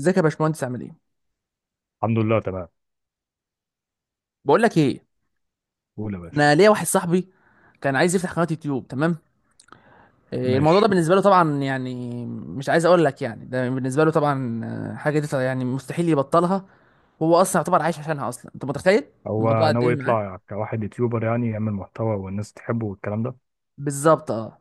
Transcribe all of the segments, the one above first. ازيك يا باشمهندس؟ عامل ايه؟ الحمد لله، تمام. بقول لك ايه، قول يا باشا. انا ليا واحد صاحبي كان عايز يفتح قناه يوتيوب. تمام. الموضوع ده ماشي. بالنسبه له طبعا، يعني مش عايز اقول لك، يعني ده بالنسبه له طبعا، حاجه دي يعني مستحيل يبطلها. وهو اصلا يعتبر عايش عشانها اصلا، انت متخيل؟ الموضوع هو قد ناوي ايه معاه؟ يطلع كواحد يوتيوبر، يعني يعمل محتوى والناس تحبه والكلام ده. بالظبط اه.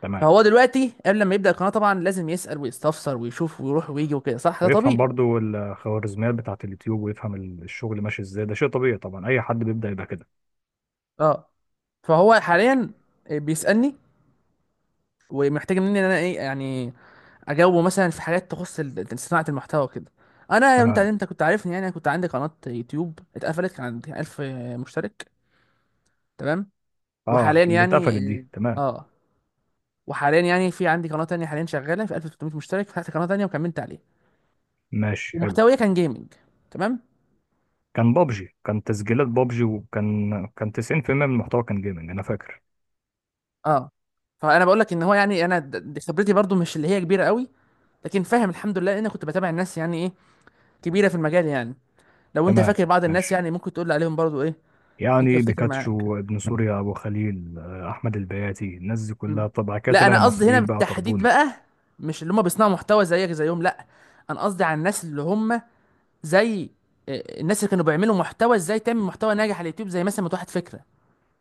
تمام. فهو دلوقتي قبل ما يبدا القناه طبعا لازم يسال ويستفسر ويشوف ويروح ويجي وكده، صح؟ ده طبيعي. ويفهم برضو الخوارزميات بتاعة اليوتيوب، ويفهم الشغل ماشي ازاي. ده شيء طبيعي طبعا، اي حد بيبدأ يبقى كده. اه. فهو حاليا بيسألني ومحتاج مني ان انا ايه يعني، اجاوبه مثلا في حاجات تخص صناعه المحتوى كده. انا، انت تمام. انت كنت عارفني يعني، انا كنت عندي قناه يوتيوب اتقفلت، كان عندي 1000 مشترك. تمام. اه، وحاليا اللي يعني اتقفلت دي. تمام. اه آه. وحاليا يعني في عندي قناه تانية حاليا شغاله في 1300 مشترك، فتحت قناه تانية وكملت عليها. ماشي، حلو. ومحتوية كان جيمنج. تمام. كان بابجي، كان تسجيلات بابجي وكان 90% من المحتوى كان جيمنج، انا فاكر. اه. فانا بقول لك ان هو، يعني انا دي خبرتي برضو مش اللي هي كبيره قوي، لكن فاهم الحمد لله لان أنا كنت بتابع الناس يعني ايه، كبيره في المجال يعني. لو انت تمام. فاكر بعض الناس ماشي. يعني ممكن تقول لي عليهم برضو ايه، انت يعني افتكر معاك. بيكاتشو، ابن سوريا، ابو خليل، احمد البياتي، الناس دي مم. كلها. طب بعد كده لا، طلع انا قصدي هنا المصريين بقى بالتحديد طربون. بقى، مش اللي هم بيصنعوا محتوى زيك زيهم، لا. انا قصدي على الناس اللي هم، زي، الناس اللي كانوا بيعملوا محتوى ازاي تعمل محتوى ناجح على اليوتيوب، زي مثلا متوحد فكره.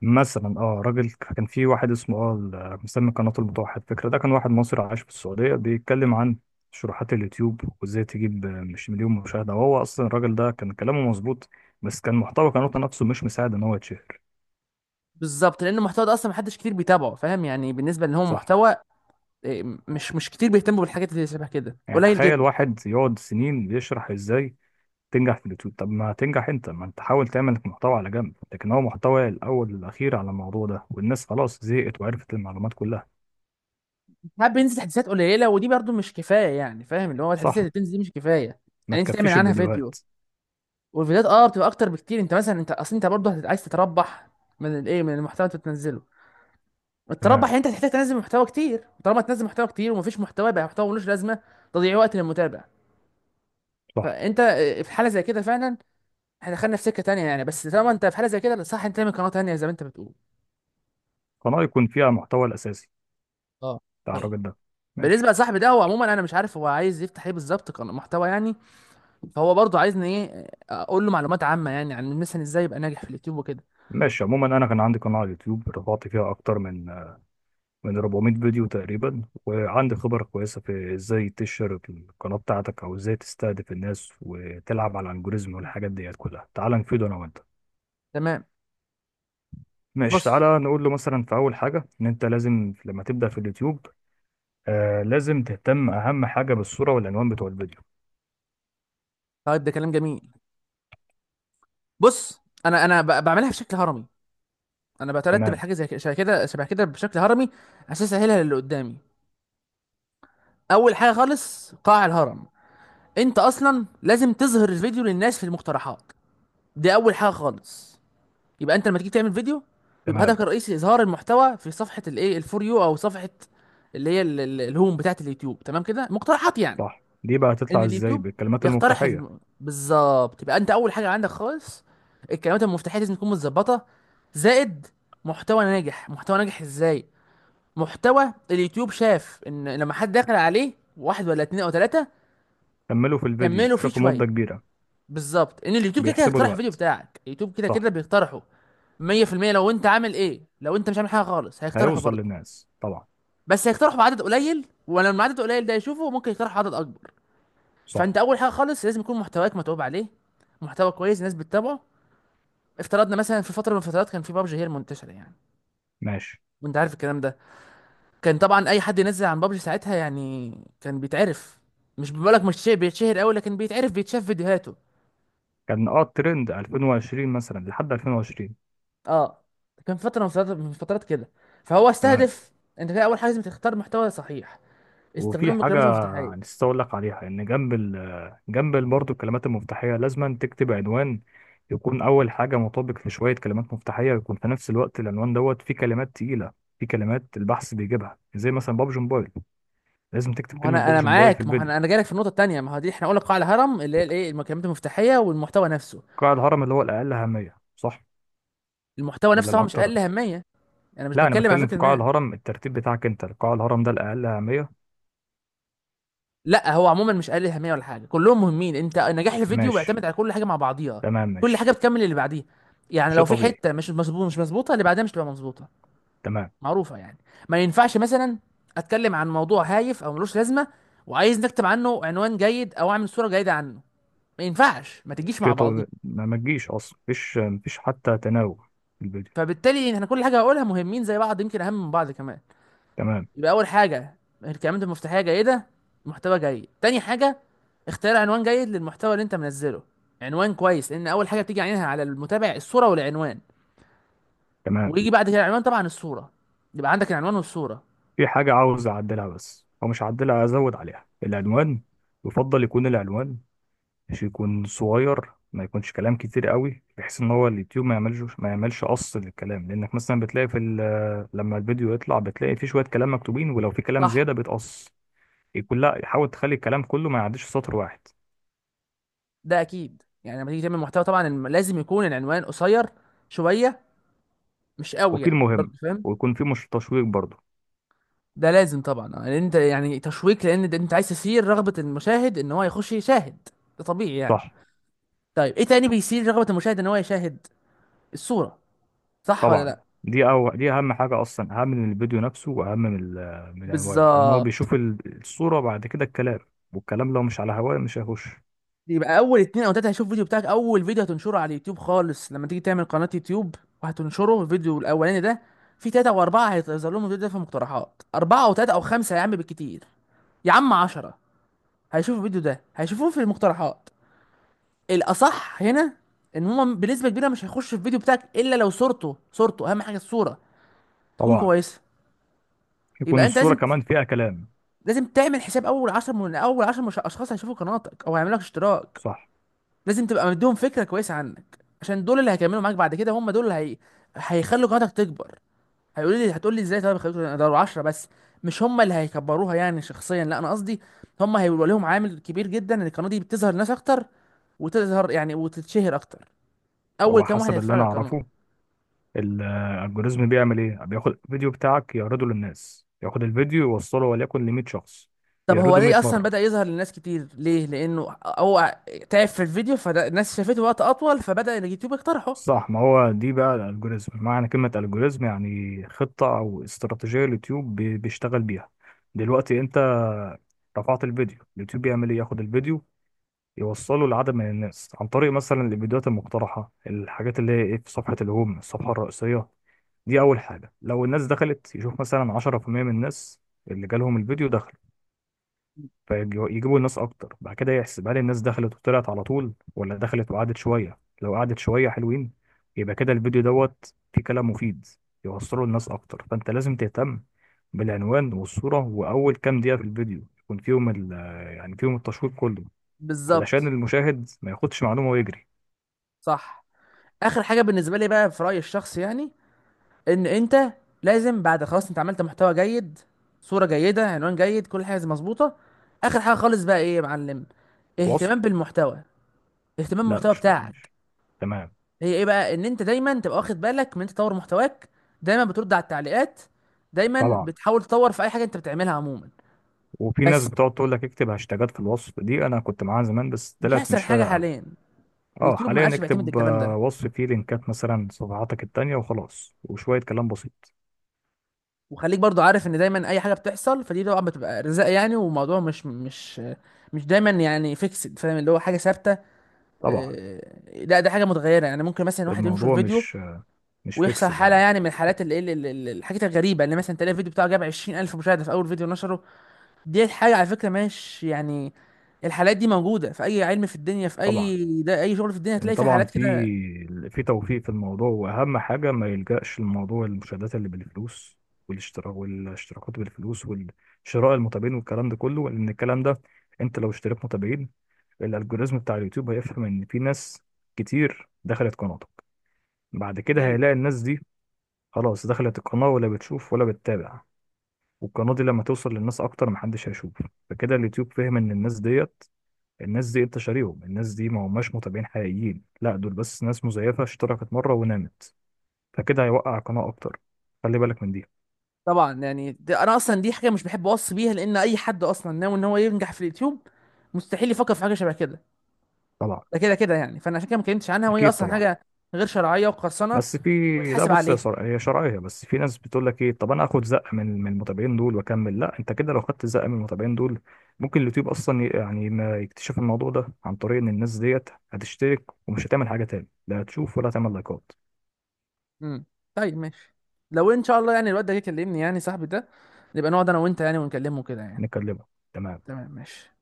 مثلا راجل، كان في واحد اسمه مسمي قناة المتوحد فكرة. ده كان واحد مصري عايش في السعودية، بيتكلم عن شروحات اليوتيوب وازاي تجيب مش مليون مشاهدة. وهو اصلا الراجل ده كان كلامه مظبوط، بس كان محتوى قناته نفسه مش مساعد ان هو يتشهر. بالظبط، لان المحتوى ده اصلا محدش كتير بيتابعه، فاهم يعني، بالنسبه ان هو صح. محتوى، مش كتير بيهتموا بالحاجات اللي شبه كده، يعني قليل تخيل جدا. واحد يقعد سنين بيشرح ازاي تنجح في اليوتيوب. طب ما تنجح انت، ما انت حاول تعمل محتوى على جنب، لكن هو محتوى الاول والاخير على الموضوع ده، والناس خلاص زهقت وعرفت المعلومات كلها. ساعات بينزل تحديثات قليله، ودي برضو مش كفايه يعني، فاهم، اللي هو التحديثات صح. اللي بتنزل دي مش كفايه. ما يعني انت تعمل تكفيش عنها فيديو، الفيديوهات. والفيديوهات اه بتبقى اكتر بكتير. انت مثلا انت اصل انت برضو عايز تتربح من الايه، من المحتوى اللي انت بتنزله. تربح، تمام. انت هتحتاج تنزل محتوى كتير، طالما تنزل محتوى كتير ومفيش محتوى، يبقى محتوى ملوش لازمه، تضييع وقت للمتابع. صح. فانت في حاله زي كده فعلا، احنا دخلنا في سكه تانية يعني، بس طالما انت في حاله زي كده، صح، انت تعمل قناه تانية زي ما انت بتقول. قناة يكون فيها المحتوى الأساسي اه. بتاع طيب، الراجل ده. بالنسبه ماشي. لصاحبي ده، هو عموما انا مش عارف هو عايز يفتح ايه بالظبط، قناه محتوى يعني. فهو برضه عايزني ايه، اقول له معلومات عامه يعني عن مثلا ازاي يبقى ناجح في اليوتيوب وكده. ماشي، عموما أنا كان عندي قناة على اليوتيوب، رفعت فيها أكتر من 400 فيديو تقريبا، وعندي خبرة كويسة في إزاي تشهر القناة بتاعتك، أو إزاي تستهدف الناس وتلعب على الألجوريزم والحاجات ديت كلها. تعال نفيده أنا وأنت. تمام. ماشي، بص. تعالى نقول له مثلا، في أول حاجة، إن أنت لازم لما تبدأ في اليوتيوب، لازم تهتم أهم حاجة بالصورة والعنوان بتوع الفيديو. طيب ده كلام جميل. بص، انا بعملها بشكل هرمي. انا بترتب تمام. الحاجه زي كده، شبه كده شبه كده، بشكل هرمي، عشان اسهلها للي قدامي. اول حاجه خالص، قاع الهرم، انت اصلا لازم تظهر الفيديو للناس في المقترحات، دي اول حاجه خالص. يبقى انت لما تيجي تعمل فيديو، بيبقى تمام. هدفك الرئيسي اظهار المحتوى في صفحه الايه الفور يو، او صفحه اللي هي الهوم بتاعه اليوتيوب، تمام كده، مقترحات يعني. صح، دي بقى ان هتطلع إزاي؟ اليوتيوب بالكلمات يقترح المفتاحية. بالظبط، يبقى انت اول حاجه عندك خالص، الكلمات المفتاحيه لازم تكون متظبطه. زائد محتوى ناجح. محتوى ناجح ازاي؟ محتوى اليوتيوب شاف ان لما حد دخل عليه واحد ولا اتنين او تلاتة، كملوا في الفيديو، كملوا فيه شوفوا شويه، مدة كبيرة. بالظبط، ان اليوتيوب كده كده بيحسبوا هيقترح الفيديو الوقت. بتاعك، اليوتيوب كده كده صح. بيقترحه 100%. لو انت عامل ايه، لو انت مش عامل حاجه خالص هيقترحه هيوصل برضه، للناس طبعا. بس هيقترحه بعدد قليل، ولما العدد قليل ده يشوفه ممكن يقترح عدد اكبر. صح. فانت اول حاجه خالص لازم يكون محتواك متعوب عليه، محتوى كويس الناس بتتابعه. افترضنا مثلا في فتره من الفترات كان في بابجي هي المنتشره يعني، ماشي. وانت عارف الكلام ده، كان طبعا اي حد ينزل عن بابجي ساعتها يعني كان بيتعرف. مش بقولك مش شيء بيتشهر قوي، لكن بيتعرف، بيتشاف فيديوهاته. كان الترند 2020 مثلا، لحد 2020. اه. كان فتره من فترات كده، فهو تمام. استهدف. انت كده اول حاجه لازم تختار محتوى صحيح، استخدام وفي حاجة المكالمات المفتاحيه. نسيت أقول لك عليها، إن جنب برضه الكلمات المفتاحية، لازم تكتب عنوان يكون أول حاجة مطابق لشوية كلمات مفتاحية، يكون في نفس الوقت العنوان دوت فيه كلمات تقيلة، فيه كلمات البحث بيجيبها زي مثلا بابجي موبايل. لازم تكتب ما هو كلمة انا بابجي موبايل في معاك، ما هو الفيديو. انا جايلك في النقطه التانيه، ما هو دي احنا قلنا قاع الهرم اللي هي الايه، المكالمات المفتاحيه والمحتوى نفسه. قاع الهرم اللي هو الأقل أهمية، صح المحتوى ولا نفسه هو مش الأكتر؟ اقل اهميه، انا مش لا، انا بتكلم على بتكلم في فكره قاع الناس، الهرم، الترتيب بتاعك. انت قاع الهرم ده الاقل اهميه. لا، هو عموما مش قليل اهميه ولا حاجه، كلهم مهمين. انت نجاح الفيديو ماشي. بيعتمد على كل حاجه مع بعضيها، تمام، كل ماشي. حاجه بتكمل اللي بعديها. يعني شيء لو في طبيعي. حته مش مظبوطه، اللي بعدها مش تبقى مظبوطه، تمام. معروفه يعني. ما ينفعش مثلا اتكلم عن موضوع هايف او ملوش لازمه، وعايز نكتب عنه عنوان جيد او اعمل صوره جيده عنه، ما ينفعش، ما تجيش شيء مع بعضيها. طبيعي، ما تجيش اصلا، مفيش حتى تناوب في الفيديو. فبالتالي احنا كل حاجه هقولها مهمين زي بعض، يمكن اهم من بعض كمان. تمام. يبقى اول حاجه، الكلمات المفتاحيه جيده، محتوى جيد. تاني حاجه، اختار عنوان جيد للمحتوى اللي انت منزله، عنوان كويس، لان اول حاجه بتيجي عينها على المتابع الصوره والعنوان. تمام. ويجي بعد كده العنوان طبعا الصوره، يبقى عندك العنوان والصوره. في حاجه عاوز اعدلها، بس او مش هعدلها، ازود عليها العنوان. يفضل يكون العنوان، مش يكون صغير، ما يكونش كلام كتير قوي، بحيث ان هو اليوتيوب ما يعملش قص للكلام. لانك مثلا بتلاقي في لما الفيديو يطلع بتلاقي في شويه كلام مكتوبين، ولو في كلام صح. زياده بيتقص كلها. حاول تخلي الكلام كله ما يعديش سطر واحد. ده اكيد يعني، لما تيجي تعمل محتوى طبعا لازم يكون العنوان قصير شويه، مش قوي وفي يعني برضه، المهم، فاهم. ويكون في مش تشويق برضه. ده لازم طبعا، لان انت يعني تشويق، لان ده انت عايز تثير رغبه المشاهد ان هو يخش يشاهد، ده طبيعي يعني. صح. طيب ايه تاني بيثير رغبه المشاهد ان هو يشاهد؟ الصوره، صح ولا طبعا، لا؟ دي أو دي أهم حاجة أصلا، أهم من الفيديو نفسه، وأهم من من العنوان. لأن هو بالظبط. بيشوف الصورة بعد كده الكلام. والكلام لو مش على هواه مش هيخش. يبقى اول اتنين او تلاته هيشوف الفيديو بتاعك، اول فيديو هتنشره على اليوتيوب خالص لما تيجي تعمل قناه يوتيوب، وهتنشره الفيديو الاولاني ده، في تلاته واربعه هيظهر لهم الفيديو ده في المقترحات، اربعه او تلاته او خمسه يا عم بالكتير، يا عم 10، هيشوفوا الفيديو ده، هيشوفوه في المقترحات. الاصح هنا ان هم بنسبه كبيره مش هيخشوا الفيديو بتاعك الا لو صورته، صورته اهم حاجه، الصوره تكون طبعا، كويسه. يكون يبقى انت الصورة لازم، كمان فيها كلام. لازم تعمل حساب اول 10، من اول 10 اشخاص هيشوفوا قناتك او هيعملوا لك اشتراك، صح. لازم تبقى مديهم فكره كويسه عنك، عشان دول اللي هيكملوا معاك بعد كده، هم دول اللي هي... هيخلوا قناتك تكبر. هيقولوا لي، هتقول لي ازاي؟ طيب، خليكوا ده 10 بس، مش هم اللي هيكبروها يعني شخصيا، لا، انا قصدي هم هيبقى لهم عامل كبير جدا ان القناه دي بتظهر ناس اكتر، وتظهر يعني وتتشهر اكتر. اول هو كام واحد حسب اللي هيتفرج أنا على القناه؟ أعرفه، الالجوريزم بيعمل إيه؟ بياخد الفيديو بتاعك يعرضه للناس، ياخد الفيديو يوصله وليكن ل 100 شخص، طب هو يعرضه 100 ليه اصلا مرة. بدأ يظهر للناس كتير؟ ليه؟ لانه هو تعب في الفيديو، فالناس شافته وقت اطول، فبدأ اليوتيوب يقترحه. صح، ما هو دي بقى الالجوريزم. معنى كلمة الجوريزم يعني خطة او استراتيجية اليوتيوب بيشتغل بيها. دلوقتي انت رفعت الفيديو، اليوتيوب بيعمل ايه؟ ياخد الفيديو يوصله لعدد من الناس عن طريق مثلا الفيديوهات المقترحة، الحاجات اللي هي ايه، في صفحة الهوم، الصفحة الرئيسية. دي اول حاجة. لو الناس دخلت، يشوف مثلا 10% من الناس اللي جالهم الفيديو دخل، فيجيبوا الناس اكتر بعد كده. يحسب هل الناس دخلت وطلعت على طول، ولا دخلت وقعدت شويه. لو قعدت شويه حلوين، يبقى كده الفيديو دوت فيه كلام مفيد، يوصله للناس اكتر. فانت لازم تهتم بالعنوان والصوره، واول كام دقيقه في الفيديو يكون فيهم ال، يعني فيهم التشويق كله، علشان بالظبط. المشاهد ما ياخدش معلومه ويجري. صح. اخر حاجه بالنسبه لي بقى في رايي الشخصي يعني، ان انت لازم بعد خلاص انت عملت محتوى جيد، صورة جيدة، عنوان جيد، كل حاجة مظبوطة، اخر حاجة خالص بقى ايه يا معلم، الوصف. اهتمام بالمحتوى. اهتمام لا، بالمحتوى مش بتاعك، مش تمام. هي ايه بقى؟ ان انت دايما تبقى واخد بالك من إنت تطور محتواك، دايما بترد على التعليقات، دايما طبعا، بتحاول تطور في اي حاجة انت بتعملها عموما. وفي ناس بس بتقعد تقول لك اكتب هاشتاجات في الوصف. دي انا كنت معاها زمان بس مش طلعت احسن مش حاجة فارقه قوي. حاليا، اه اليوتيوب ما حاليا عادش بيعتمد اكتب الكلام ده. وصف فيه لينكات مثلا، صفحاتك التانية، وخلاص وشوية كلام بسيط. وخليك برضو عارف ان دايما اي حاجة بتحصل فدي طبعا بتبقى رزق يعني، وموضوع مش دايما يعني فيكسد، فاهم اللي هو حاجة ثابتة، طبعا، لا، ده حاجه متغيره يعني. ممكن مثلا واحد ينشر الموضوع فيديو مش مش ويحصل فيكسد حاله يعني. يعني من الحالات اللي الحاجات الغريبه اللي مثلا تلاقي الفيديو بتاعه جاب 20,000 مشاهده في اول فيديو نشره. دي حاجه على فكره، مش يعني، الحالات دي موجوده في اي علم في الدنيا، في طبعا، اي، ده اي شغل في الدنيا لأن هتلاقي في طبعا حالات في كده. في توفيق في الموضوع. واهم حاجة ما يلجأش لموضوع المشاهدات اللي بالفلوس، والاشتراك والاشتراكات بالفلوس، والشراء المتابعين، والكلام ده كله. لان الكلام ده، انت لو اشتريت متابعين، الالجوريزم بتاع اليوتيوب هيفهم ان في ناس كتير دخلت قناتك. بعد كده اكيد هيلاقي الناس دي خلاص دخلت القناة، ولا بتشوف ولا بتتابع. والقناة دي لما توصل للناس أكتر محدش هيشوف. فكده اليوتيوب فهم إن الناس ديت، الناس دي أنت شاريهم، الناس دي ما هماش متابعين حقيقيين، لا دول بس ناس مزيفة اشتركت مرة ونامت. فكده هيوقع القناة أكتر، خلي بالك من دي. طبعا، يعني ده انا اصلا دي حاجه مش بحب اوصي بيها لان اي حد اصلا ناوي ان هو ينجح في اليوتيوب، مستحيل يفكر في حاجه شبه كده، طبعا. ده كده كده يعني. فانا عشان كده ما اتكلمتش عنها، وهي أكيد اصلا طبعا. حاجه غير شرعيه وقرصنه بس في، لا ويتحاسب بص يا عليها. صر... هي شرعيه. بس في ناس بتقول لك ايه، طب انا اخد زقه من المتابعين دول واكمل؟ لا، انت كده لو خدت زقه من المتابعين دول، ممكن اليوتيوب اصلا يعني ما يكتشف الموضوع ده، عن طريق ان الناس ديت هتشترك ومش هتعمل حاجه تاني، لا هتشوف ولا هتعمل لايكات. امم طيب، ماشي. لو ان شاء الله يعني الواد ده جه يكلمني، يعني صاحبي ده، نبقى نقعد انا وانت يعني ونكلمه كده يعني. نكلمها، تمام. تمام ماشي.